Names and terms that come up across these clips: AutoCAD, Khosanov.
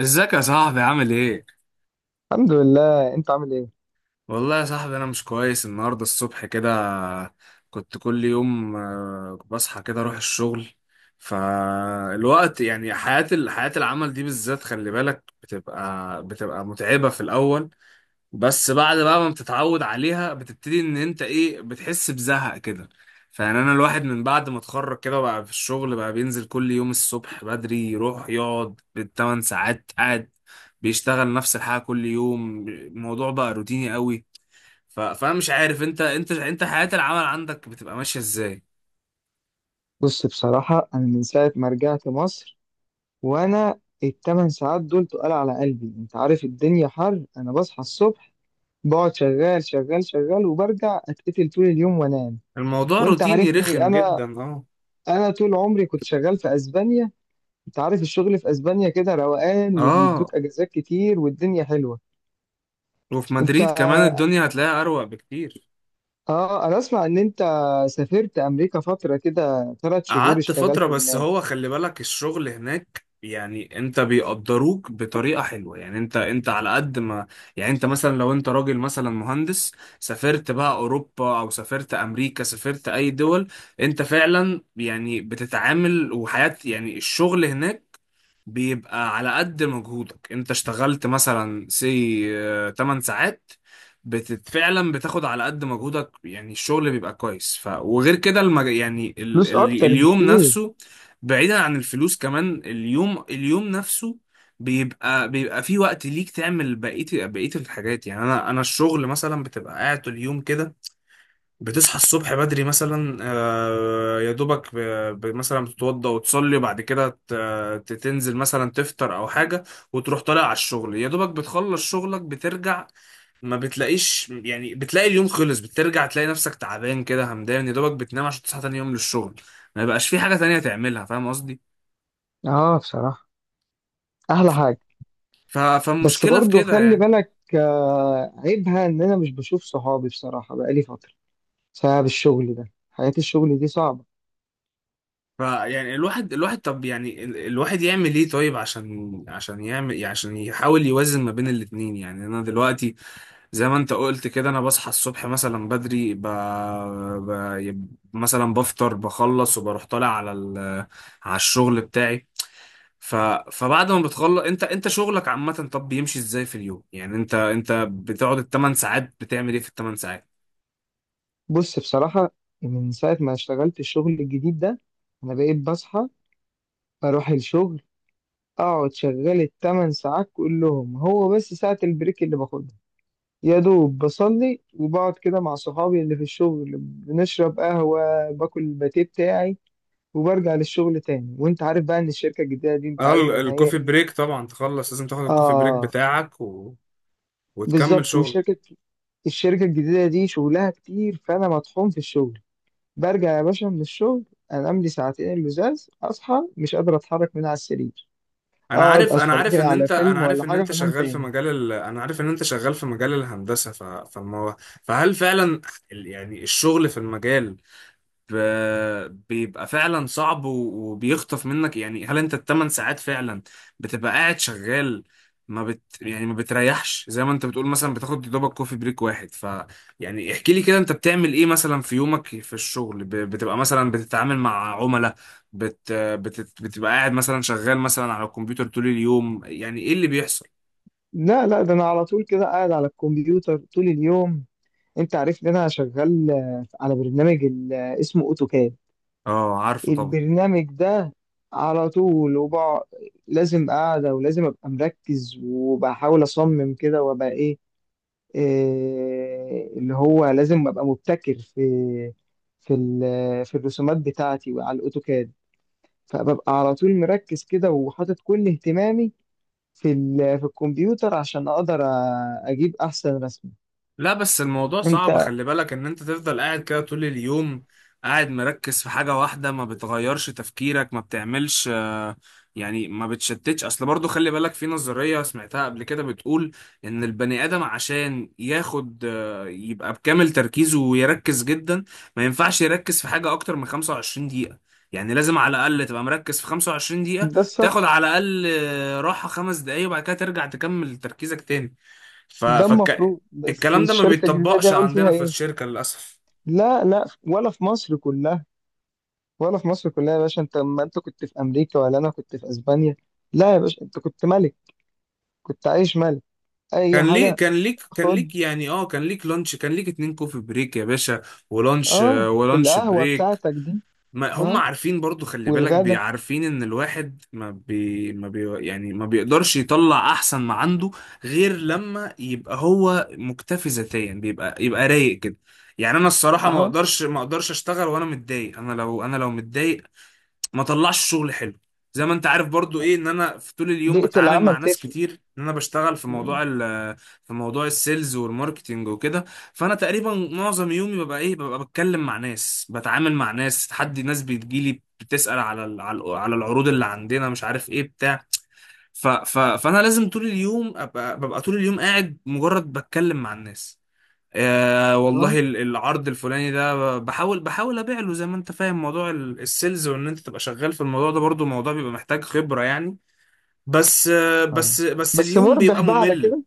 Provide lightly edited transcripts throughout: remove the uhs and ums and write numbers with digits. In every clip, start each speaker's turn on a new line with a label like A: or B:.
A: ازيك يا صاحبي، عامل ايه؟
B: الحمد لله. انت عامل ايه؟
A: والله يا صاحبي، انا مش كويس النهارده الصبح كده. كنت كل يوم بصحى كده اروح الشغل. فالوقت يعني، حياة العمل دي بالذات، خلي بالك بتبقى متعبة في الاول. بس بعد بقى ما بتتعود عليها، بتبتدي ان انت ايه، بتحس بزهق كده. فيعني انا الواحد من بعد ما اتخرج كده، بقى في الشغل بقى بينزل كل يوم الصبح بدري يروح يقعد بالثمان ساعات قاعد بيشتغل نفس الحاجة كل يوم، الموضوع بقى روتيني قوي. فانا مش عارف، انت حياة العمل عندك بتبقى ماشية ازاي؟
B: بص، بصراحة انا من ساعة ما رجعت مصر، وانا الـ 8 ساعات دول تقال على قلبي. انت عارف الدنيا حر، انا بصحى الصبح بقعد شغال شغال شغال وبرجع اتقتل طول اليوم وانام.
A: الموضوع
B: وانت
A: روتيني
B: عارفني
A: رخم
B: انا،
A: جدا، اه.
B: انا طول عمري كنت شغال في اسبانيا، انت عارف الشغل في اسبانيا كده روقان
A: اه،
B: وبيدوك اجازات كتير والدنيا حلوة.
A: وفي
B: انت
A: مدريد كمان الدنيا هتلاقيها اروق بكتير.
B: اه، انا اسمع ان انت سافرت امريكا فترة كده، 3 شهور
A: قعدت فترة،
B: اشتغلت
A: بس
B: هناك.
A: هو خلي بالك الشغل هناك يعني انت بيقدروك بطريقة حلوة، يعني انت على قد ما، يعني انت مثلا لو انت راجل مثلا مهندس، سافرت بقى اوروبا او سافرت امريكا، سافرت اي دول، انت فعلا يعني بتتعامل وحياة، يعني الشغل هناك بيبقى على قد مجهودك. انت اشتغلت مثلا سي 8 ساعات، فعلا بتاخد على قد مجهودك، يعني الشغل بيبقى كويس، ف وغير كده يعني
B: فلوس اكتر
A: اليوم
B: بكتير.
A: نفسه. بعيدا عن الفلوس كمان، اليوم نفسه بيبقى في وقت ليك تعمل بقية الحاجات. يعني انا الشغل مثلا بتبقى قاعد طول اليوم كده. بتصحى الصبح بدري مثلا، يا دوبك مثلا بتتوضى وتصلي، وبعد كده ت- تنزل مثلا تفطر او حاجة، وتروح طالع على الشغل. يا دوبك بتخلص شغلك بترجع، ما بتلاقيش، يعني بتلاقي اليوم خلص، بترجع تلاقي نفسك تعبان كده همدان، يا دوبك بتنام عشان تصحى تاني يوم للشغل. ما يبقاش في حاجة تانية تعملها، فاهم قصدي؟
B: اه بصراحة احلى حاجة. بس
A: فالمشكلة في
B: برضو
A: كده
B: خلي
A: يعني.
B: بالك، عيبها ان انا مش بشوف صحابي بصراحة، بقالي فترة بسبب الشغل ده. حياة الشغل دي صعبة.
A: فيعني الواحد طب يعني الواحد يعمل ايه طيب؟ عشان يعمل، عشان يحاول يوازن ما بين الاتنين. يعني انا دلوقتي، زي ما انت قلت كده، انا بصحى الصبح مثلا بدري، مثلا بفطر بخلص، وبروح طالع على على الشغل بتاعي. ف... فبعد ما بتخلص انت شغلك عامة، طب بيمشي ازاي في اليوم؟ يعني انت بتقعد الثمان ساعات بتعمل ايه في الثمان ساعات؟
B: بص بصراحة، من ساعة ما اشتغلت الشغل الجديد ده انا بقيت بصحى اروح الشغل، اقعد شغال الـ 8 ساعات كلهم. هو بس ساعة البريك اللي باخدها، يا دوب بصلي وبقعد كده مع صحابي اللي في الشغل، بنشرب قهوة باكل الباتيه بتاعي وبرجع للشغل تاني. وانت عارف بقى ان الشركه الجديده دي، انت
A: اه،
B: عارف ان هي
A: الكوفي
B: ايه.
A: بريك طبعا، تخلص لازم تاخد الكوفي بريك
B: اه
A: بتاعك وتكمل
B: بالظبط.
A: شغل.
B: والشركه، الشركه الجديده دي شغلها كتير، فانا مطحون في الشغل. برجع يا باشا من الشغل انام لي ساعتين اللزاز، اصحى مش قادر اتحرك من على السرير، اقعد اتفرج لي على
A: انا
B: فيلم
A: عارف
B: ولا
A: ان
B: حاجه
A: انت
B: وانام
A: شغال في
B: تاني.
A: مجال انا عارف ان انت شغال في مجال الهندسة. ف... فما فهل فعلا يعني الشغل في المجال بيبقى فعلا صعب وبيخطف منك؟ يعني هل انت الثمان ساعات فعلا بتبقى قاعد شغال؟ ما بت يعني ما بتريحش، زي ما انت بتقول مثلا بتاخد دوبك كوفي بريك واحد. يعني احكي لي كده، انت بتعمل ايه مثلا في يومك في الشغل؟ بتبقى مثلا بتتعامل مع عملاء؟ بتبقى قاعد مثلا شغال مثلا على الكمبيوتر طول اليوم؟ يعني ايه اللي بيحصل؟
B: لا لا، ده انا على طول كده قاعد على الكمبيوتر طول اليوم. انت عارف ان انا شغال على برنامج اسمه اوتوكاد.
A: اه، عارفه طبعا.
B: البرنامج ده على طول. وبقعد لازم قاعدة، ولازم أبقى مركز وبحاول أصمم كده، وأبقى إيه اللي هو لازم أبقى مبتكر في في الرسومات بتاعتي وعلى الأوتوكاد. فببقى على طول مركز كده وحاطط كل اهتمامي في الكمبيوتر، عشان أقدر أجيب أحسن رسمة.
A: لا بس الموضوع صعب،
B: أنت
A: خلي بالك ان انت تفضل قاعد كده طول اليوم، قاعد مركز في حاجة واحدة، ما بتغيرش تفكيرك، ما بتعملش. يعني ما بتشتتش اصل. برضو خلي بالك في نظرية سمعتها قبل كده، بتقول ان البني ادم عشان ياخد، يبقى بكامل تركيزه ويركز جدا، ما ينفعش يركز في حاجة اكتر من 25 دقيقة. يعني لازم على الاقل تبقى مركز في 25 دقيقة،
B: ده
A: تاخد
B: الصح.
A: على الاقل راحة 5 دقايق، وبعد كده ترجع تكمل تركيزك تاني. ف...
B: ده
A: فك...
B: المفروض، بس
A: الكلام ده ما
B: الشركة الجديدة دي
A: بيتطبقش
B: هقول فيها
A: عندنا في
B: إيه؟
A: الشركة، للأسف.
B: لا لا، ولا في مصر كلها، ولا في مصر كلها يا باشا. ما انت كنت في امريكا ولا انا كنت في اسبانيا، لا يا باشا انت كنت ملك، كنت عايش ملك اي
A: كان ليك
B: حاجه.
A: كان ليك كان
B: خد،
A: ليك يعني، اه، كان ليك لانش، كان ليك 2 كوفي بريك يا باشا، ولانش،
B: اه
A: ولانش
B: القهوه
A: بريك.
B: بتاعتك دي.
A: ما هم
B: اه
A: عارفين، برضو خلي بالك
B: والغدا.
A: بيعرفين ان الواحد ما بي ما بي يعني ما بيقدرش يطلع احسن ما عنده، غير لما يبقى هو مكتفي ذاتيا، بيبقى رايق كده. يعني انا الصراحة ما
B: اه،
A: اقدرش ما اقدرش اشتغل وانا متضايق. انا لو متضايق، ما طلعش شغل حلو. زي ما انت عارف برضو، ايه، ان انا في طول اليوم
B: بيئه
A: بتعامل
B: العمل
A: مع ناس
B: تفرق.
A: كتير، ان انا بشتغل في
B: مم.
A: موضوع في موضوع السيلز والماركتينج وكده. فانا تقريبا معظم يومي ببقى ايه، ببقى بتكلم مع ناس، بتعامل مع ناس، حد ناس بتجيلي بتسأل على العروض اللي عندنا، مش عارف ايه بتاع. ف ف فانا لازم طول اليوم ببقى طول اليوم قاعد مجرد بتكلم مع الناس،
B: اه،
A: والله، العرض الفلاني ده، بحاول ابيع له. زي ما انت فاهم موضوع السيلز، وان انت تبقى شغال في الموضوع ده، برضو موضوع بيبقى محتاج خبرة يعني. بس، آه
B: اه،
A: بس بس
B: بس
A: اليوم
B: مربح
A: بيبقى
B: بقى على
A: ممل.
B: كده.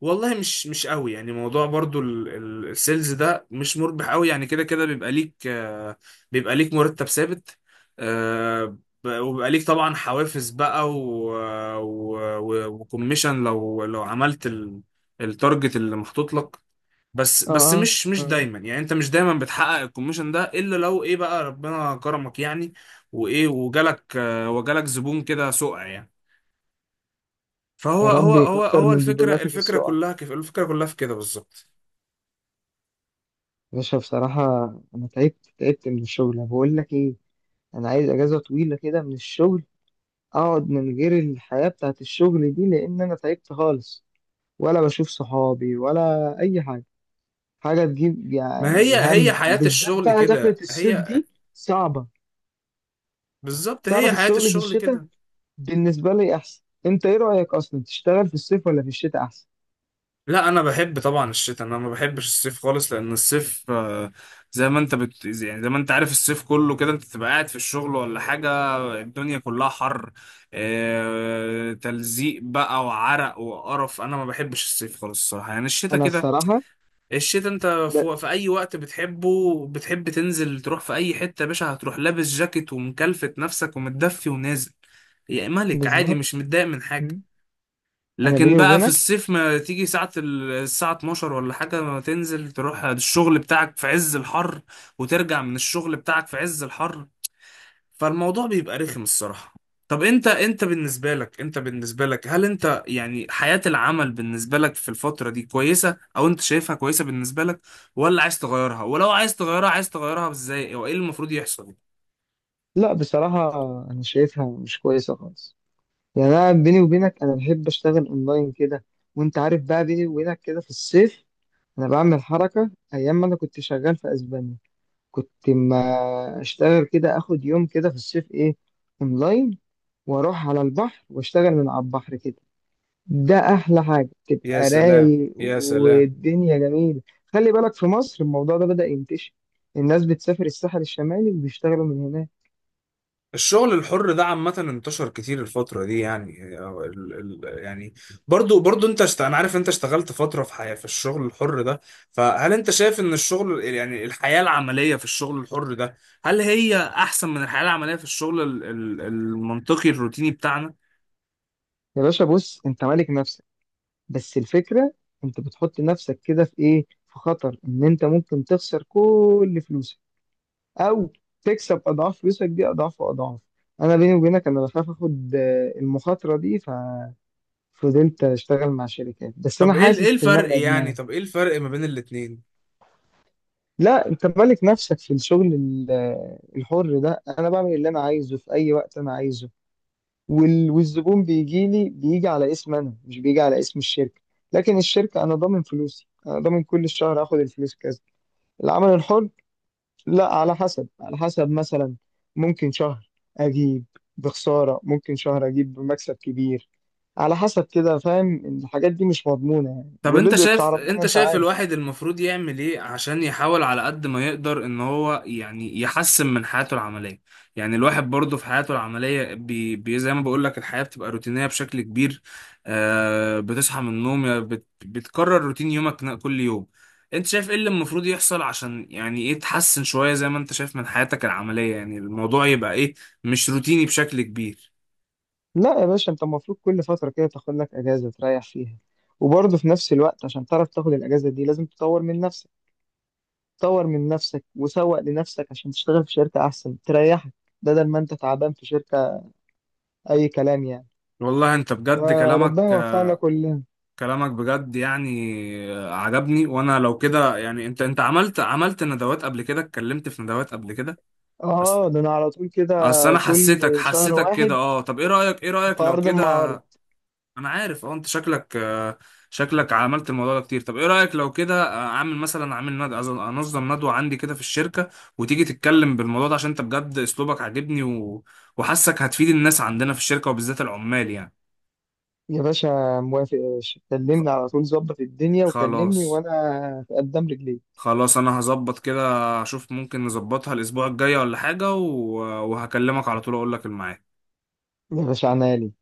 A: والله مش قوي، يعني موضوع برضو السيلز ده مش مربح قوي. يعني كده كده بيبقى ليك، بيبقى ليك مرتب ثابت. آه وبيبقى ليك طبعا حوافز بقى وكوميشن لو عملت التارجت اللي محطوط لك. بس
B: اه،
A: بس
B: اه.
A: مش
B: آه.
A: دايما، يعني انت مش دايما بتحقق الكوميشن ده، الا لو ايه بقى ربنا كرمك يعني، وايه وجالك، وجالك زبون كده سقع يعني.
B: يا
A: فهو،
B: رب
A: هو هو
B: يكتر
A: هو
B: من
A: الفكره
B: زبوناتك
A: الفكره
B: السقع
A: كلها كيف، الفكره كلها في كده بالظبط.
B: يا باشا. بصراحه انا تعبت، تعبت من الشغل. أنا بقول لك ايه، انا عايز اجازه طويله كده من الشغل، اقعد من غير الحياه بتاعت الشغل دي، لان انا تعبت خالص، ولا بشوف صحابي ولا اي حاجه. حاجه تجيب
A: ما
B: يعني
A: هي
B: الهم،
A: حياه
B: وبالذات
A: الشغل
B: بقى دخلة
A: كده،
B: الصيف
A: هي
B: دي. صعبه.
A: بالظبط
B: تعرف
A: هي حياه
B: الشغل في
A: الشغل
B: الشتاء
A: كده.
B: بالنسبه لي احسن. انت ايه رايك، اصلا تشتغل في الصيف ولا في الشتاء احسن؟
A: لا، انا بحب طبعا الشتاء. انا ما بحبش الصيف خالص، لان الصيف، زي ما انت بت... يعني زي ما انت عارف، الصيف كله كده انت تبقى قاعد في الشغل ولا حاجه، الدنيا كلها حر، تلزيق بقى وعرق وقرف. انا ما بحبش الصيف خالص الصراحه، يعني الشتاء
B: انا
A: كده.
B: الصراحه،
A: الشتاء انت
B: لا،
A: في اي وقت بتحبه، بتحب تنزل تروح في اي حته يا باشا، هتروح لابس جاكيت ومكلفت نفسك ومتدفي ونازل يا ملك، عادي مش
B: بالظبط.
A: متضايق من حاجه.
B: مم. انا
A: لكن
B: بيني
A: بقى في
B: وبينك،
A: الصيف، ما تيجي ساعة الساعة 12 ولا حاجة، ما تنزل تروح الشغل بتاعك في عز الحر، وترجع من الشغل بتاعك في عز الحر، فالموضوع بيبقى رخم الصراحة. طب انت بالنسبة لك، هل انت يعني حياة العمل بالنسبة لك في الفترة دي كويسة، او انت شايفها كويسة بالنسبة لك؟ ولا عايز تغيرها؟ ولو عايز تغيرها ازاي، وايه المفروض يحصل؟
B: لا بصراحه انا شايفها مش كويسه خالص. يعني انا بيني وبينك انا بحب اشتغل اونلاين كده. وانت عارف بقى، بيني وبينك كده، في الصيف انا بعمل حركه ايام ما انا كنت شغال في اسبانيا. كنت ما اشتغل كده، اخد يوم كده في الصيف ايه، اونلاين، واروح على البحر واشتغل من على البحر كده. ده احلى حاجه،
A: يا
B: تبقى
A: سلام،
B: رايق
A: يا سلام.
B: والدنيا جميله. خلي بالك في مصر الموضوع ده بدأ ينتشر، الناس بتسافر الساحل الشمالي وبيشتغلوا من هناك.
A: الشغل الحر ده عامة انتشر كتير الفترة دي، يعني، أو ال يعني برضو انا عارف انت اشتغلت فترة في حياة، في الشغل الحر ده. فهل انت شايف ان الشغل، يعني الحياة العملية في الشغل الحر ده، هل هي احسن من الحياة العملية في الشغل ال ال المنطقي الروتيني بتاعنا؟
B: يا باشا بص، انت مالك نفسك، بس الفكره انت بتحط نفسك كده في ايه، في خطر ان انت ممكن تخسر كل فلوسك، او تكسب اضعاف فلوسك دي، اضعاف واضعاف. انا بيني وبينك انا بخاف اخد المخاطره دي، ففضلت اشتغل مع شركات، بس انا
A: طب ايه ايه
B: حاسس انها
A: الفرق يعني؟
B: ادمان.
A: طب ايه الفرق ما بين الاتنين؟
B: لا، انت مالك نفسك في الشغل الحر ده، انا بعمل اللي انا عايزه في اي وقت انا عايزه. والزبون بيجي لي، بيجي على اسم انا، مش بيجي على اسم الشركه. لكن الشركه انا ضامن فلوسي، انا ضامن كل شهر اخد الفلوس كذا. العمل الحر، لا على حسب، مثلا ممكن شهر اجيب بخسارة، ممكن شهر اجيب بمكسب كبير، على حسب كده. فاهم؟ الحاجات دي مش مضمونة يعني،
A: طب انت
B: والرزق بتاع
A: شايف
B: ربنا
A: انت
B: انت
A: شايف
B: عارف.
A: الواحد المفروض يعمل ايه عشان يحاول على قد ما يقدر ان هو يعني يحسن من حياته العملية. يعني الواحد برضه في حياته العملية، بي بي زي ما بقول لك الحياة بتبقى روتينية بشكل كبير. بتصحى من النوم، يا بت بتكرر روتين يومك كل يوم. انت شايف ايه اللي المفروض يحصل عشان، يعني، ايه، تحسن شوية زي ما انت شايف من حياتك العملية، يعني الموضوع يبقى ايه، مش روتيني بشكل كبير؟
B: لا يا باشا، انت المفروض كل فترة كده تاخد لك اجازة تريح فيها، وبرضه في نفس الوقت عشان تعرف تاخد الاجازة دي لازم تطور من نفسك. تطور من نفسك وسوق لنفسك عشان تشتغل في شركة احسن تريحك، بدل ما انت تعبان في شركة اي كلام يعني.
A: والله انت بجد،
B: فربنا يوفقنا كلنا.
A: كلامك بجد يعني عجبني. وانا لو كده، يعني انت عملت ندوات قبل كده، اتكلمت في ندوات قبل كده. اصل
B: اه ده انا على طول كده،
A: اصل انا
B: كل
A: حسيتك
B: شهر
A: حسيتك كده.
B: واحد
A: اه، طب ايه رأيك ايه
B: في
A: رأيك لو
B: ارض
A: كده؟
B: المعارض.
A: انا عارف، اه انت شكلك، شكلك عملت الموضوع ده كتير. طب ايه رأيك لو كده، اعمل مثلا اعمل انظم ندوة عندي كده في الشركة، وتيجي تتكلم بالموضوع ده، عشان انت بجد اسلوبك عاجبني، وحاسك هتفيد الناس عندنا في الشركة، وبالذات العمال يعني.
B: يا باشا موافق يا باشا،
A: خ-
B: كلمني على طول، ظبط الدنيا وكلمني
A: خلاص.
B: وانا في قدام رجليك.
A: خلاص، انا هظبط كده، اشوف ممكن نظبطها الاسبوع الجاي ولا حاجة، وهكلمك على طول اقول لك الميعاد.
B: يا باشا عنالي.